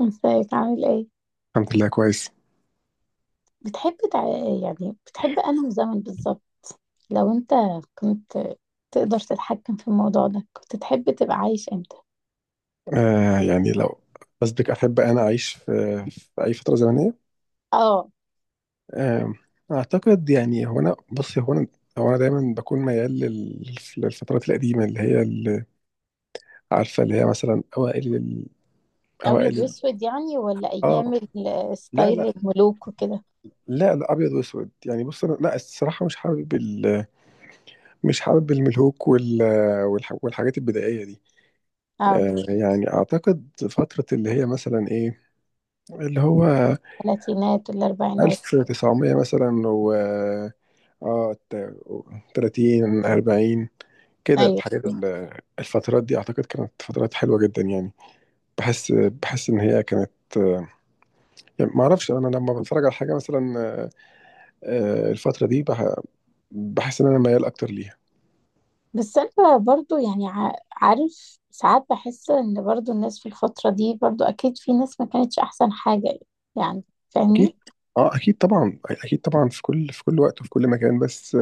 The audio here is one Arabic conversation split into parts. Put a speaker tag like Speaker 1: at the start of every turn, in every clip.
Speaker 1: ازيك عامل ايه؟
Speaker 2: الحمد لله كويس.
Speaker 1: بتحب تع... يعني بتحب انهي زمن بالظبط؟ لو انت كنت تقدر تتحكم في الموضوع ده كنت تحب تبقى عايش امتى؟
Speaker 2: يعني لو بس بك أحب أنا أعيش في أي فترة زمنية.
Speaker 1: اه،
Speaker 2: آه أعتقد يعني هو أنا بصي هو أنا هو أنا دايما بكون ميال للفترات القديمة، اللي هي، اللي عارفة، اللي هي مثلا أوائل ال- أوائل
Speaker 1: ابيض
Speaker 2: ال-
Speaker 1: واسود يعني ولا
Speaker 2: آه
Speaker 1: ايام
Speaker 2: لا
Speaker 1: ستايل
Speaker 2: لا،
Speaker 1: الملوك وكده؟
Speaker 2: لا لا، أبيض وأسود يعني. بص، أنا لا الصراحة مش حابب مش حابب الملهوك والحاجات البدائية دي.
Speaker 1: اه،
Speaker 2: يعني أعتقد فترة اللي هي مثلا إيه، اللي هو
Speaker 1: الثلاثينات والاربعينات.
Speaker 2: 1900 مثلا، اه تا- 30 40، كده
Speaker 1: ايوه،
Speaker 2: الحاجات الفترات دي اعتقد كانت فترات حلوه جدا يعني. بحس ان هي كانت، يعني ما اعرفش. انا لما بتفرج على حاجه مثلا الفتره دي بحس ان انا ميال اكتر ليها.
Speaker 1: بس انا برضو يعني عارف ساعات بحس ان برضو الناس في الفترة دي برضو اكيد في ناس ما كانتش احسن حاجة، يعني فاهمني؟
Speaker 2: اكيد. اه اكيد طبعا، اكيد طبعا، في كل وقت وفي كل مكان. بس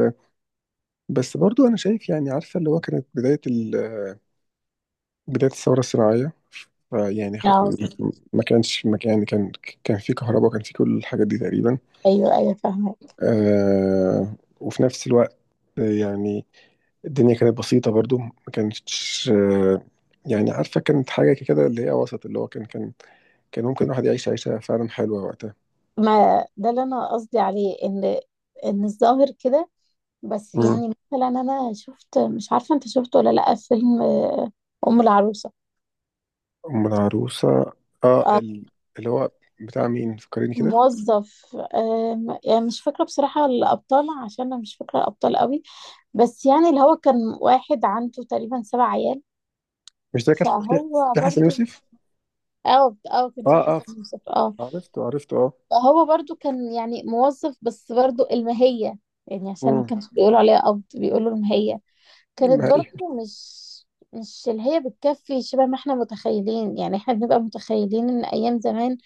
Speaker 2: بس برضو انا شايف، يعني عارفه اللي هو كانت بدايه الثوره الصناعيه يعني
Speaker 1: اه،
Speaker 2: ما كان يعني كان في كهرباء وكان في كل الحاجات دي تقريبا.
Speaker 1: ايوه ايوه، فاهمة.
Speaker 2: وفي نفس الوقت آه، يعني الدنيا كانت بسيطة برضو، ما كانتش يعني عارفة كانت حاجة كده، اللي هي وسط، اللي هو كان ممكن الواحد يعيش عيشة فعلا حلوة وقتها.
Speaker 1: ما ده اللي انا قصدي عليه، ان الظاهر كده. بس
Speaker 2: مم.
Speaker 1: يعني مثلا انا شفت، مش عارفه انت شفته ولا لا، فيلم ام العروسه.
Speaker 2: أم العروسة. اه
Speaker 1: آه،
Speaker 2: ال- اللي هو بتاع مين، فكريني كده.
Speaker 1: موظف، يعني مش فاكره بصراحه الابطال، عشان انا مش فاكره الابطال قوي. بس يعني اللي هو كان واحد عنده تقريبا سبع عيال،
Speaker 2: مش ده كان في،
Speaker 1: فهو
Speaker 2: في حسن
Speaker 1: برضو.
Speaker 2: يوسف.
Speaker 1: اه اه، كان في
Speaker 2: اه، اه،
Speaker 1: حسن يوسف، اه.
Speaker 2: عرفته عرفته، اه.
Speaker 1: فهو برضو كان يعني موظف، بس برضو المهيه، يعني عشان ما
Speaker 2: مم.
Speaker 1: كانش بيقولوا عليها قبض بيقولوا المهيه، كانت
Speaker 2: ما هي-
Speaker 1: برضه مش اللي هي بتكفي شبه ما احنا متخيلين. يعني احنا بنبقى متخيلين ان ايام زمان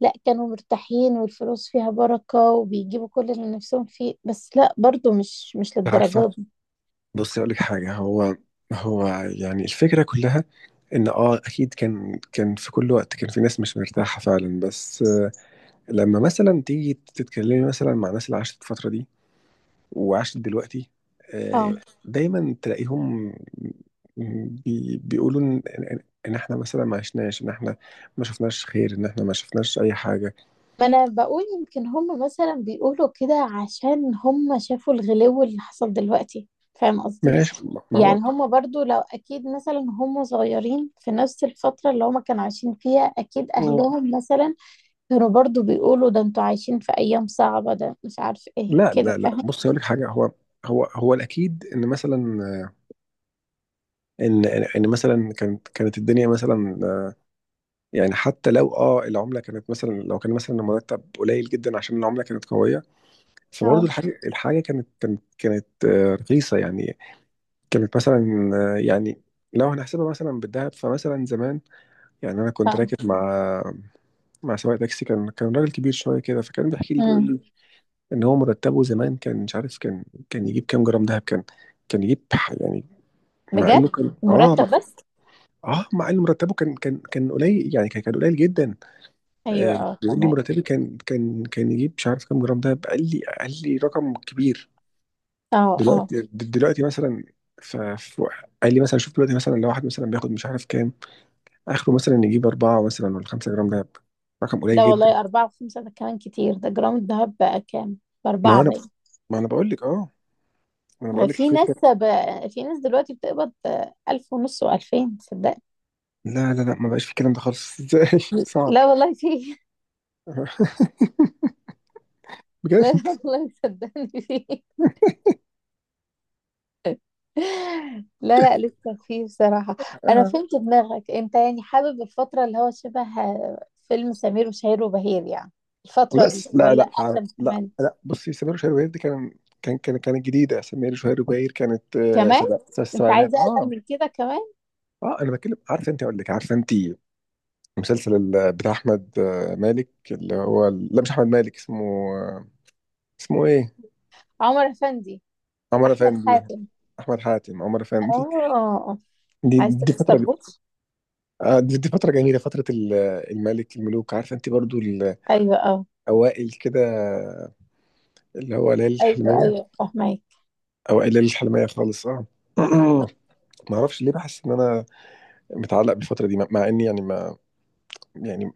Speaker 1: لا، كانوا مرتاحين والفلوس فيها بركة وبيجيبوا كل اللي نفسهم فيه، بس لا برضه مش
Speaker 2: عارفة،
Speaker 1: للدرجة دي.
Speaker 2: بصي أقول لك حاجة. هو هو يعني الفكرة كلها ان اه اكيد كان في كل وقت، كان في ناس مش مرتاحه فعلا، بس لما مثلا تيجي تتكلمي مثلا مع الناس اللي عاشت الفتره دي وعاشت دلوقتي، آه،
Speaker 1: اه.
Speaker 2: دايما تلاقيهم بيقولوا ان ان إن احنا مثلا ما عشناش، ان احنا ما شفناش خير، ان احنا ما شفناش اي حاجه.
Speaker 1: ما انا بقول يمكن هم مثلا بيقولوا كده عشان هم شافوا الغلو اللي حصل دلوقتي، فاهم قصدي؟
Speaker 2: ماشي. ما هو
Speaker 1: يعني هم برضو لو اكيد مثلا هم صغيرين في نفس الفترة اللي هم كانوا عايشين فيها، اكيد اهلهم مثلا كانوا برضو بيقولوا ده انتوا عايشين في ايام صعبة، ده مش عارف ايه
Speaker 2: لا
Speaker 1: كده،
Speaker 2: لا لا.
Speaker 1: فاهم؟
Speaker 2: بص، هقول لك حاجه. هو الاكيد ان مثلا ان ان إن مثلا كانت الدنيا مثلا، يعني حتى لو العمله كانت مثلا، لو كان مثلا المرتب قليل جدا عشان العمله كانت قويه، فبرضه
Speaker 1: اه
Speaker 2: الحاجه كانت رخيصه يعني. كانت مثلا لو هنحسبها مثلا بالذهب فمثلا زمان، يعني انا كنت
Speaker 1: اه.
Speaker 2: راكب مع، مع سواق تاكسي، كان راجل كبير شويه كده، فكان بيحكي لي بيقول
Speaker 1: امم.
Speaker 2: لي ان هو مرتبه زمان كان مش عارف، كان يجيب كام جرام دهب. كان كان يجيب ح- يعني مع
Speaker 1: بجد.
Speaker 2: انه كان
Speaker 1: مرتب
Speaker 2: مع،
Speaker 1: بس.
Speaker 2: اه مع انه مرتبه كان قليل، يعني كان قليل جدا.
Speaker 1: ايوه
Speaker 2: آه،
Speaker 1: اه،
Speaker 2: بيقول لي
Speaker 1: تمام.
Speaker 2: مرتبي كان يجيب مش عارف كام جرام. ده قال لي، قال لي رقم كبير.
Speaker 1: اه اه،
Speaker 2: دلوقتي مثلا، ف ف- قال لي مثلا شوف، دلوقتي مثلا لو واحد مثلا بياخد مش عارف كام، اخره مثلا يجيب أربعة مثلا ولا خمسة جرام دهب، رقم قليل
Speaker 1: لا
Speaker 2: جدا.
Speaker 1: والله، 4 و5 ده كمان كتير، ده جرام الذهب بقى كام؟
Speaker 2: ما
Speaker 1: بأربعة
Speaker 2: انا
Speaker 1: باين.
Speaker 2: ما انا بقول لك، ما انا بقول لك
Speaker 1: في
Speaker 2: الفكره.
Speaker 1: ناس بقى، في ناس دلوقتي بتقبض 1500 و2000، صدقني.
Speaker 2: لا لا لا، ما بقاش في الكلام ده خالص. ازاي؟ صعب.
Speaker 1: لا والله، في
Speaker 2: بجد.
Speaker 1: لا لا والله، صدقني في. لا لا، لسه فيه بصراحة. أنا
Speaker 2: آه.
Speaker 1: فهمت دماغك أنت، يعني حابب الفترة اللي هو شبه فيلم سمير وشهير وبهير يعني؟ الفترة
Speaker 2: لا
Speaker 1: دي
Speaker 2: لا
Speaker 1: ولا
Speaker 2: لا
Speaker 1: أقدم
Speaker 2: لا
Speaker 1: كمان؟
Speaker 2: لا. بصي، سمير وشهير وبهير دي كان كان كان كانت جديده. سمير وشهير وبهير كانت
Speaker 1: كمان. أنت عايز
Speaker 2: الـ70ات،
Speaker 1: أقدم
Speaker 2: اه.
Speaker 1: من كده كمان؟
Speaker 2: اه انا بتكلم، عارفه انت، اقول لك، عارفه انت المسلسل بتاع احمد مالك، اللي هو لا مش احمد مالك اسمه، آه، اسمه ايه،
Speaker 1: عمر أفندي.
Speaker 2: عمر
Speaker 1: أحمد
Speaker 2: افندي.
Speaker 1: حاتم.
Speaker 2: احمد حاتم، عمر افندي.
Speaker 1: آه.
Speaker 2: دي
Speaker 1: عايز
Speaker 2: دي
Speaker 1: تلبس
Speaker 2: فتره ج-
Speaker 1: طربوش؟
Speaker 2: دي, دي فتره جميله، فتره الملك، الملوك، عارفه انت برضو
Speaker 1: أيوه أه.
Speaker 2: الاوائل كده، اللي هو ليالي
Speaker 1: أيوه
Speaker 2: الحلميه،
Speaker 1: أيوه، فاهمك.
Speaker 2: اوائل ليالي الحلميه خالص، اه. ما اعرفش ليه بحس ان انا متعلق بالفتره دي، مع اني يعني ما، يعني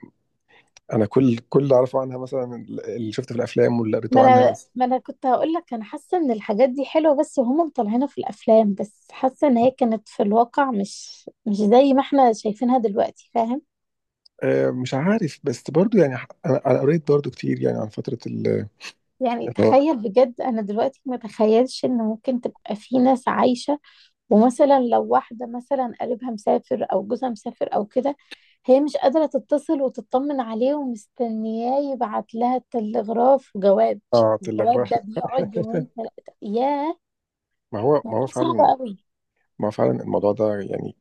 Speaker 2: انا كل اللي اعرفه عنها مثلا اللي شفته في الافلام واللي
Speaker 1: ما
Speaker 2: قريته عنها
Speaker 1: أنا
Speaker 2: بس.
Speaker 1: ما أنا كنت هقول لك، أنا حاسة إن الحاجات دي حلوة بس هما مطلعينها في الأفلام بس، حاسة إن هي كانت في الواقع مش زي ما إحنا شايفينها دلوقتي، فاهم؟
Speaker 2: مش عارف، بس برضو يعني انا قريت برضو كتير يعني عن فتره
Speaker 1: يعني
Speaker 2: اللي هو.
Speaker 1: تخيل بجد، انا دلوقتي ما تخيلش ان ممكن تبقى في ناس عايشة، ومثلا لو واحدة مثلا قريبها مسافر او جوزها مسافر او كده، هي مش قادرة تتصل وتطمن عليه، ومستنياه يبعت لها تلغراف وجواب،
Speaker 2: اه الاغراق.
Speaker 1: الجواب ده بيقعد يومين ثلاثة، ياه.
Speaker 2: ما هو
Speaker 1: موضوع صعب
Speaker 2: فعلا،
Speaker 1: قوي.
Speaker 2: ما هو فعلا الموضوع ده يعني،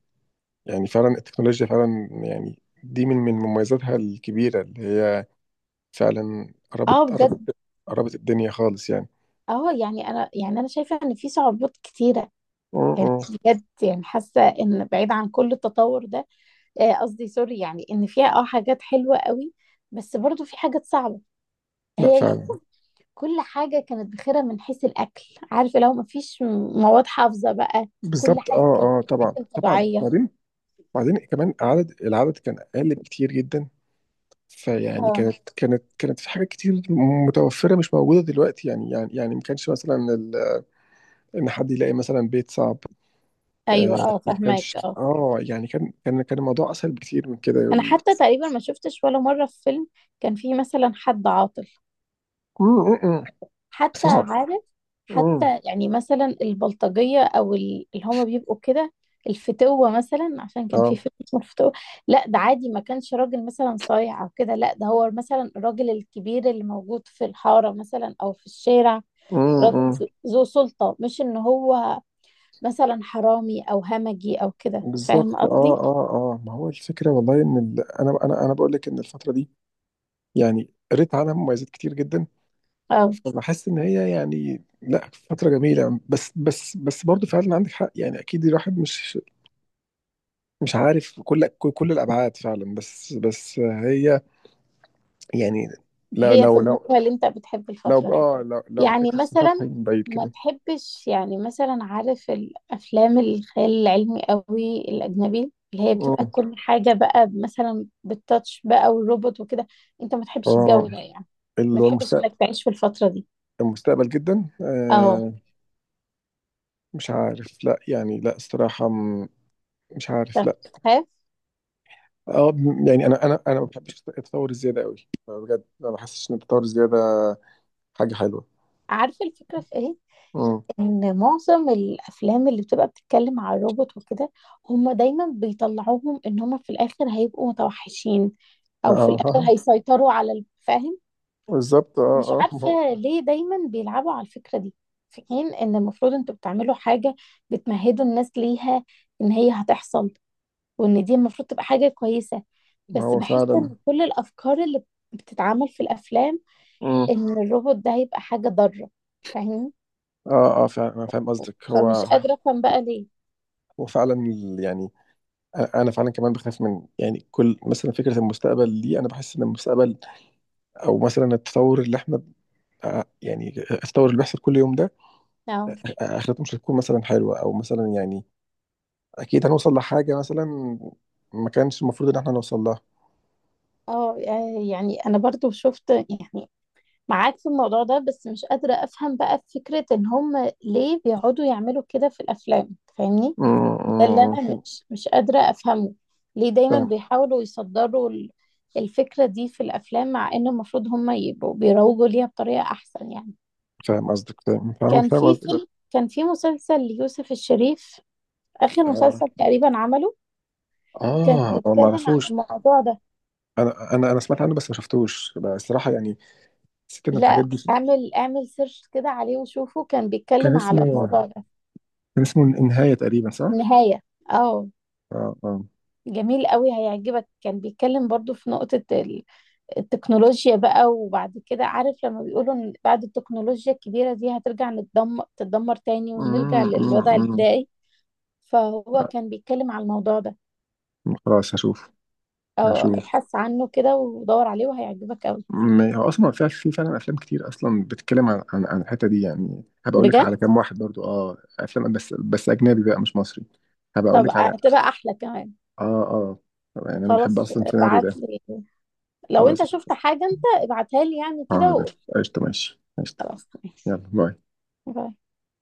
Speaker 2: يعني فعلا التكنولوجيا فعلا يعني دي من مميزاتها الكبيره اللي هي فعلا
Speaker 1: اه
Speaker 2: قربت،
Speaker 1: بجد.
Speaker 2: قربت الدنيا خالص يعني.
Speaker 1: اه، يعني انا شايفة ان في صعوبات كتيرة،
Speaker 2: م-
Speaker 1: يعني
Speaker 2: م.
Speaker 1: بجد، يعني حاسة ان بعيد عن كل التطور ده. قصدي سوري، يعني ان فيها حاجات حلوه قوي، بس برضو في حاجات صعبه.
Speaker 2: لا
Speaker 1: هي
Speaker 2: فعلا.
Speaker 1: يمكن كل حاجه كانت بخيرة من حيث الاكل، عارفه، لو ما فيش مواد حافظه بقى، كل
Speaker 2: بالظبط،
Speaker 1: حاجه
Speaker 2: اه
Speaker 1: كانت
Speaker 2: اه، طبعا
Speaker 1: بتتاكل
Speaker 2: طبعا
Speaker 1: طبيعيه.
Speaker 2: بعدين، بعدين كمان عدد، العدد كان اقل بكتير جدا. فيعني
Speaker 1: اه،
Speaker 2: كانت في حاجات كتير متوفرة مش موجودة دلوقتي، يعني يعني ما كانش مثلا إن حد يلاقي مثلا بيت صعب.
Speaker 1: ايوه
Speaker 2: آه
Speaker 1: اه،
Speaker 2: ما كانش،
Speaker 1: فهماك، اه.
Speaker 2: اه يعني كان الموضوع أسهل بكتير من كده
Speaker 1: انا
Speaker 2: يقول.
Speaker 1: حتى تقريبا ما شفتش ولا مره في فيلم كان فيه مثلا حد عاطل،
Speaker 2: مم، مم، مم،
Speaker 1: حتى
Speaker 2: صعب.
Speaker 1: عارف،
Speaker 2: مم،
Speaker 1: حتى يعني مثلا البلطجية أو اللي هما بيبقوا كده، الفتوة مثلا، عشان كان في
Speaker 2: اه.
Speaker 1: فيلم اسمه الفتوة، لا ده عادي، ما كانش راجل مثلا صايع أو كده، لا ده هو مثلا الراجل الكبير اللي موجود في الحارة مثلا أو في الشارع،
Speaker 2: مم،
Speaker 1: راجل
Speaker 2: مم.
Speaker 1: ذو سلطة، مش إن هو مثلا حرامي أو همجي أو كده، فاهم
Speaker 2: بالظبط،
Speaker 1: قصدي؟
Speaker 2: ما هو الفكرة والله إن أنا بقول لك إن الفترة دي يعني قريت عنها مميزات كتير جدا.
Speaker 1: أو
Speaker 2: فبحس إن هي، يعني لا فترة جميلة، بس برضه فعلا عندك حق يعني. أكيد الواحد مش عارف كل الابعاد فعلا، بس بس هي يعني، لو
Speaker 1: هي في
Speaker 2: لو
Speaker 1: المجمل
Speaker 2: لو
Speaker 1: اللي أنت بتحب
Speaker 2: لو
Speaker 1: الفترة؟
Speaker 2: اه لو لو
Speaker 1: يعني
Speaker 2: بشكل
Speaker 1: مثلا
Speaker 2: سطحي من بعيد
Speaker 1: ما
Speaker 2: كده.
Speaker 1: بحبش يعني، مثلا، عارف الافلام الخيال العلمي قوي الاجنبي، اللي هي بتبقى
Speaker 2: اه
Speaker 1: كل حاجه بقى مثلا بالتاتش بقى والروبوت وكده، انت ما تحبش
Speaker 2: اه.
Speaker 1: الجو ده يعني؟ ما
Speaker 2: اللي هو
Speaker 1: تحبش
Speaker 2: المستقبل.
Speaker 1: انك تعيش في الفتره دي؟
Speaker 2: المستقبل جدا
Speaker 1: اه،
Speaker 2: آه. مش عارف، لا يعني، لا الصراحة مش عارف لا.
Speaker 1: بتخاف؟
Speaker 2: يعني انا ما بحبش التطور الزيادة قوي بجد، ما بحسش ان التطور الزيادة حاجة حلوة.
Speaker 1: عارفه الفكره في ايه؟
Speaker 2: امم
Speaker 1: ان معظم الافلام اللي بتبقى بتتكلم على الروبوت وكده، هم دايما بيطلعوهم ان هم في الاخر هيبقوا متوحشين، او في
Speaker 2: اه.
Speaker 1: الاخر هيسيطروا على الفاهم.
Speaker 2: بالظبط،
Speaker 1: مش
Speaker 2: ما
Speaker 1: عارفة
Speaker 2: هو،
Speaker 1: ليه دايما بيلعبوا على الفكرة دي، في حين ان المفروض انتوا بتعملوا حاجة بتمهدوا الناس ليها ان هي هتحصل، وان دي المفروض تبقى حاجة كويسة، بس بحس
Speaker 2: فعلا.
Speaker 1: ان كل الافكار اللي بتتعمل في الافلام
Speaker 2: امم
Speaker 1: ان الروبوت ده هيبقى حاجة ضارة، فاهمين؟
Speaker 2: اه اه فعلا انا فاهم قصدك. هو
Speaker 1: فمش قادرة افهم بقى ليه.
Speaker 2: وفعلا ال- يعني أ- انا فعلا كمان بخاف من، يعني كل مثلا فكره المستقبل دي. انا بحس ان المستقبل او مثلا التطور اللي احنا يعني التطور اللي بيحصل كل يوم ده،
Speaker 1: اه
Speaker 2: اخرته مش هتكون مثلا حلوه، او مثلا يعني اكيد هنوصل لحاجه مثلا ما كانش المفروض ان احنا نوصل لها.
Speaker 1: اه، يعني انا برضو شفت يعني، معاك في الموضوع ده، بس مش قادرة افهم بقى فكرة ان هم ليه بيقعدوا يعملوا كده في الافلام، فاهمني؟
Speaker 2: م-
Speaker 1: ده اللي
Speaker 2: م-
Speaker 1: انا،
Speaker 2: م.
Speaker 1: مش قادرة افهمه، ليه دايما
Speaker 2: فاهم،
Speaker 1: بيحاولوا يصدروا الفكرة دي في الافلام، مع ان المفروض هم يبقوا بيروجوا ليها بطريقة احسن يعني.
Speaker 2: فاهم قصدك، فاهم فاهم فاهم قصدك.
Speaker 1: كان في مسلسل ليوسف الشريف، اخر
Speaker 2: اه
Speaker 1: مسلسل تقريبا عمله، كان
Speaker 2: اه ما
Speaker 1: بيتكلم عن
Speaker 2: اعرفوش.
Speaker 1: الموضوع ده.
Speaker 2: انا سمعت عنه بس ما شفتوش بقى الصراحه يعني، حسيت ان الحاجات
Speaker 1: لا،
Speaker 2: دي.
Speaker 1: اعمل سيرش كده عليه وشوفه، كان
Speaker 2: كان
Speaker 1: بيتكلم على
Speaker 2: اسمه،
Speaker 1: الموضوع ده.
Speaker 2: كان اسمه النهايه تقريبا صح؟
Speaker 1: النهاية، اه،
Speaker 2: اه، اه.
Speaker 1: جميل قوي هيعجبك، كان بيتكلم برضو في نقطة التكنولوجيا بقى، وبعد كده عارف لما بيقولوا ان بعد التكنولوجيا الكبيرة دي هترجع، تتدمر تاني ونرجع
Speaker 2: أمم، أمم،
Speaker 1: للوضع
Speaker 2: أمم.
Speaker 1: البدائي، فهو كان بيتكلم على الموضوع ده،
Speaker 2: خلاص هشوف.
Speaker 1: او
Speaker 2: هشوف.
Speaker 1: ابحث عنه كده ودور عليه، وهيعجبك قوي،
Speaker 2: هو اصلا في، في فعلا افلام كتير اصلا بتتكلم عن الحته دي يعني. هبقى اقول لك
Speaker 1: بجد.
Speaker 2: على كام واحد برضو افلام، بس بس اجنبي بقى مش مصري. هبقى اقول
Speaker 1: طب
Speaker 2: لك على.
Speaker 1: هتبقى احلى كمان.
Speaker 2: اه اه. يعني انا بحب
Speaker 1: خلاص،
Speaker 2: اصلا السيناريو ده.
Speaker 1: ابعت لي، لو انت
Speaker 2: خلاص.
Speaker 1: شفت حاجة انت ابعتها لي يعني
Speaker 2: اه
Speaker 1: كده،
Speaker 2: ده
Speaker 1: وقول.
Speaker 2: قشطه، ماشي قشطه. يلا باي.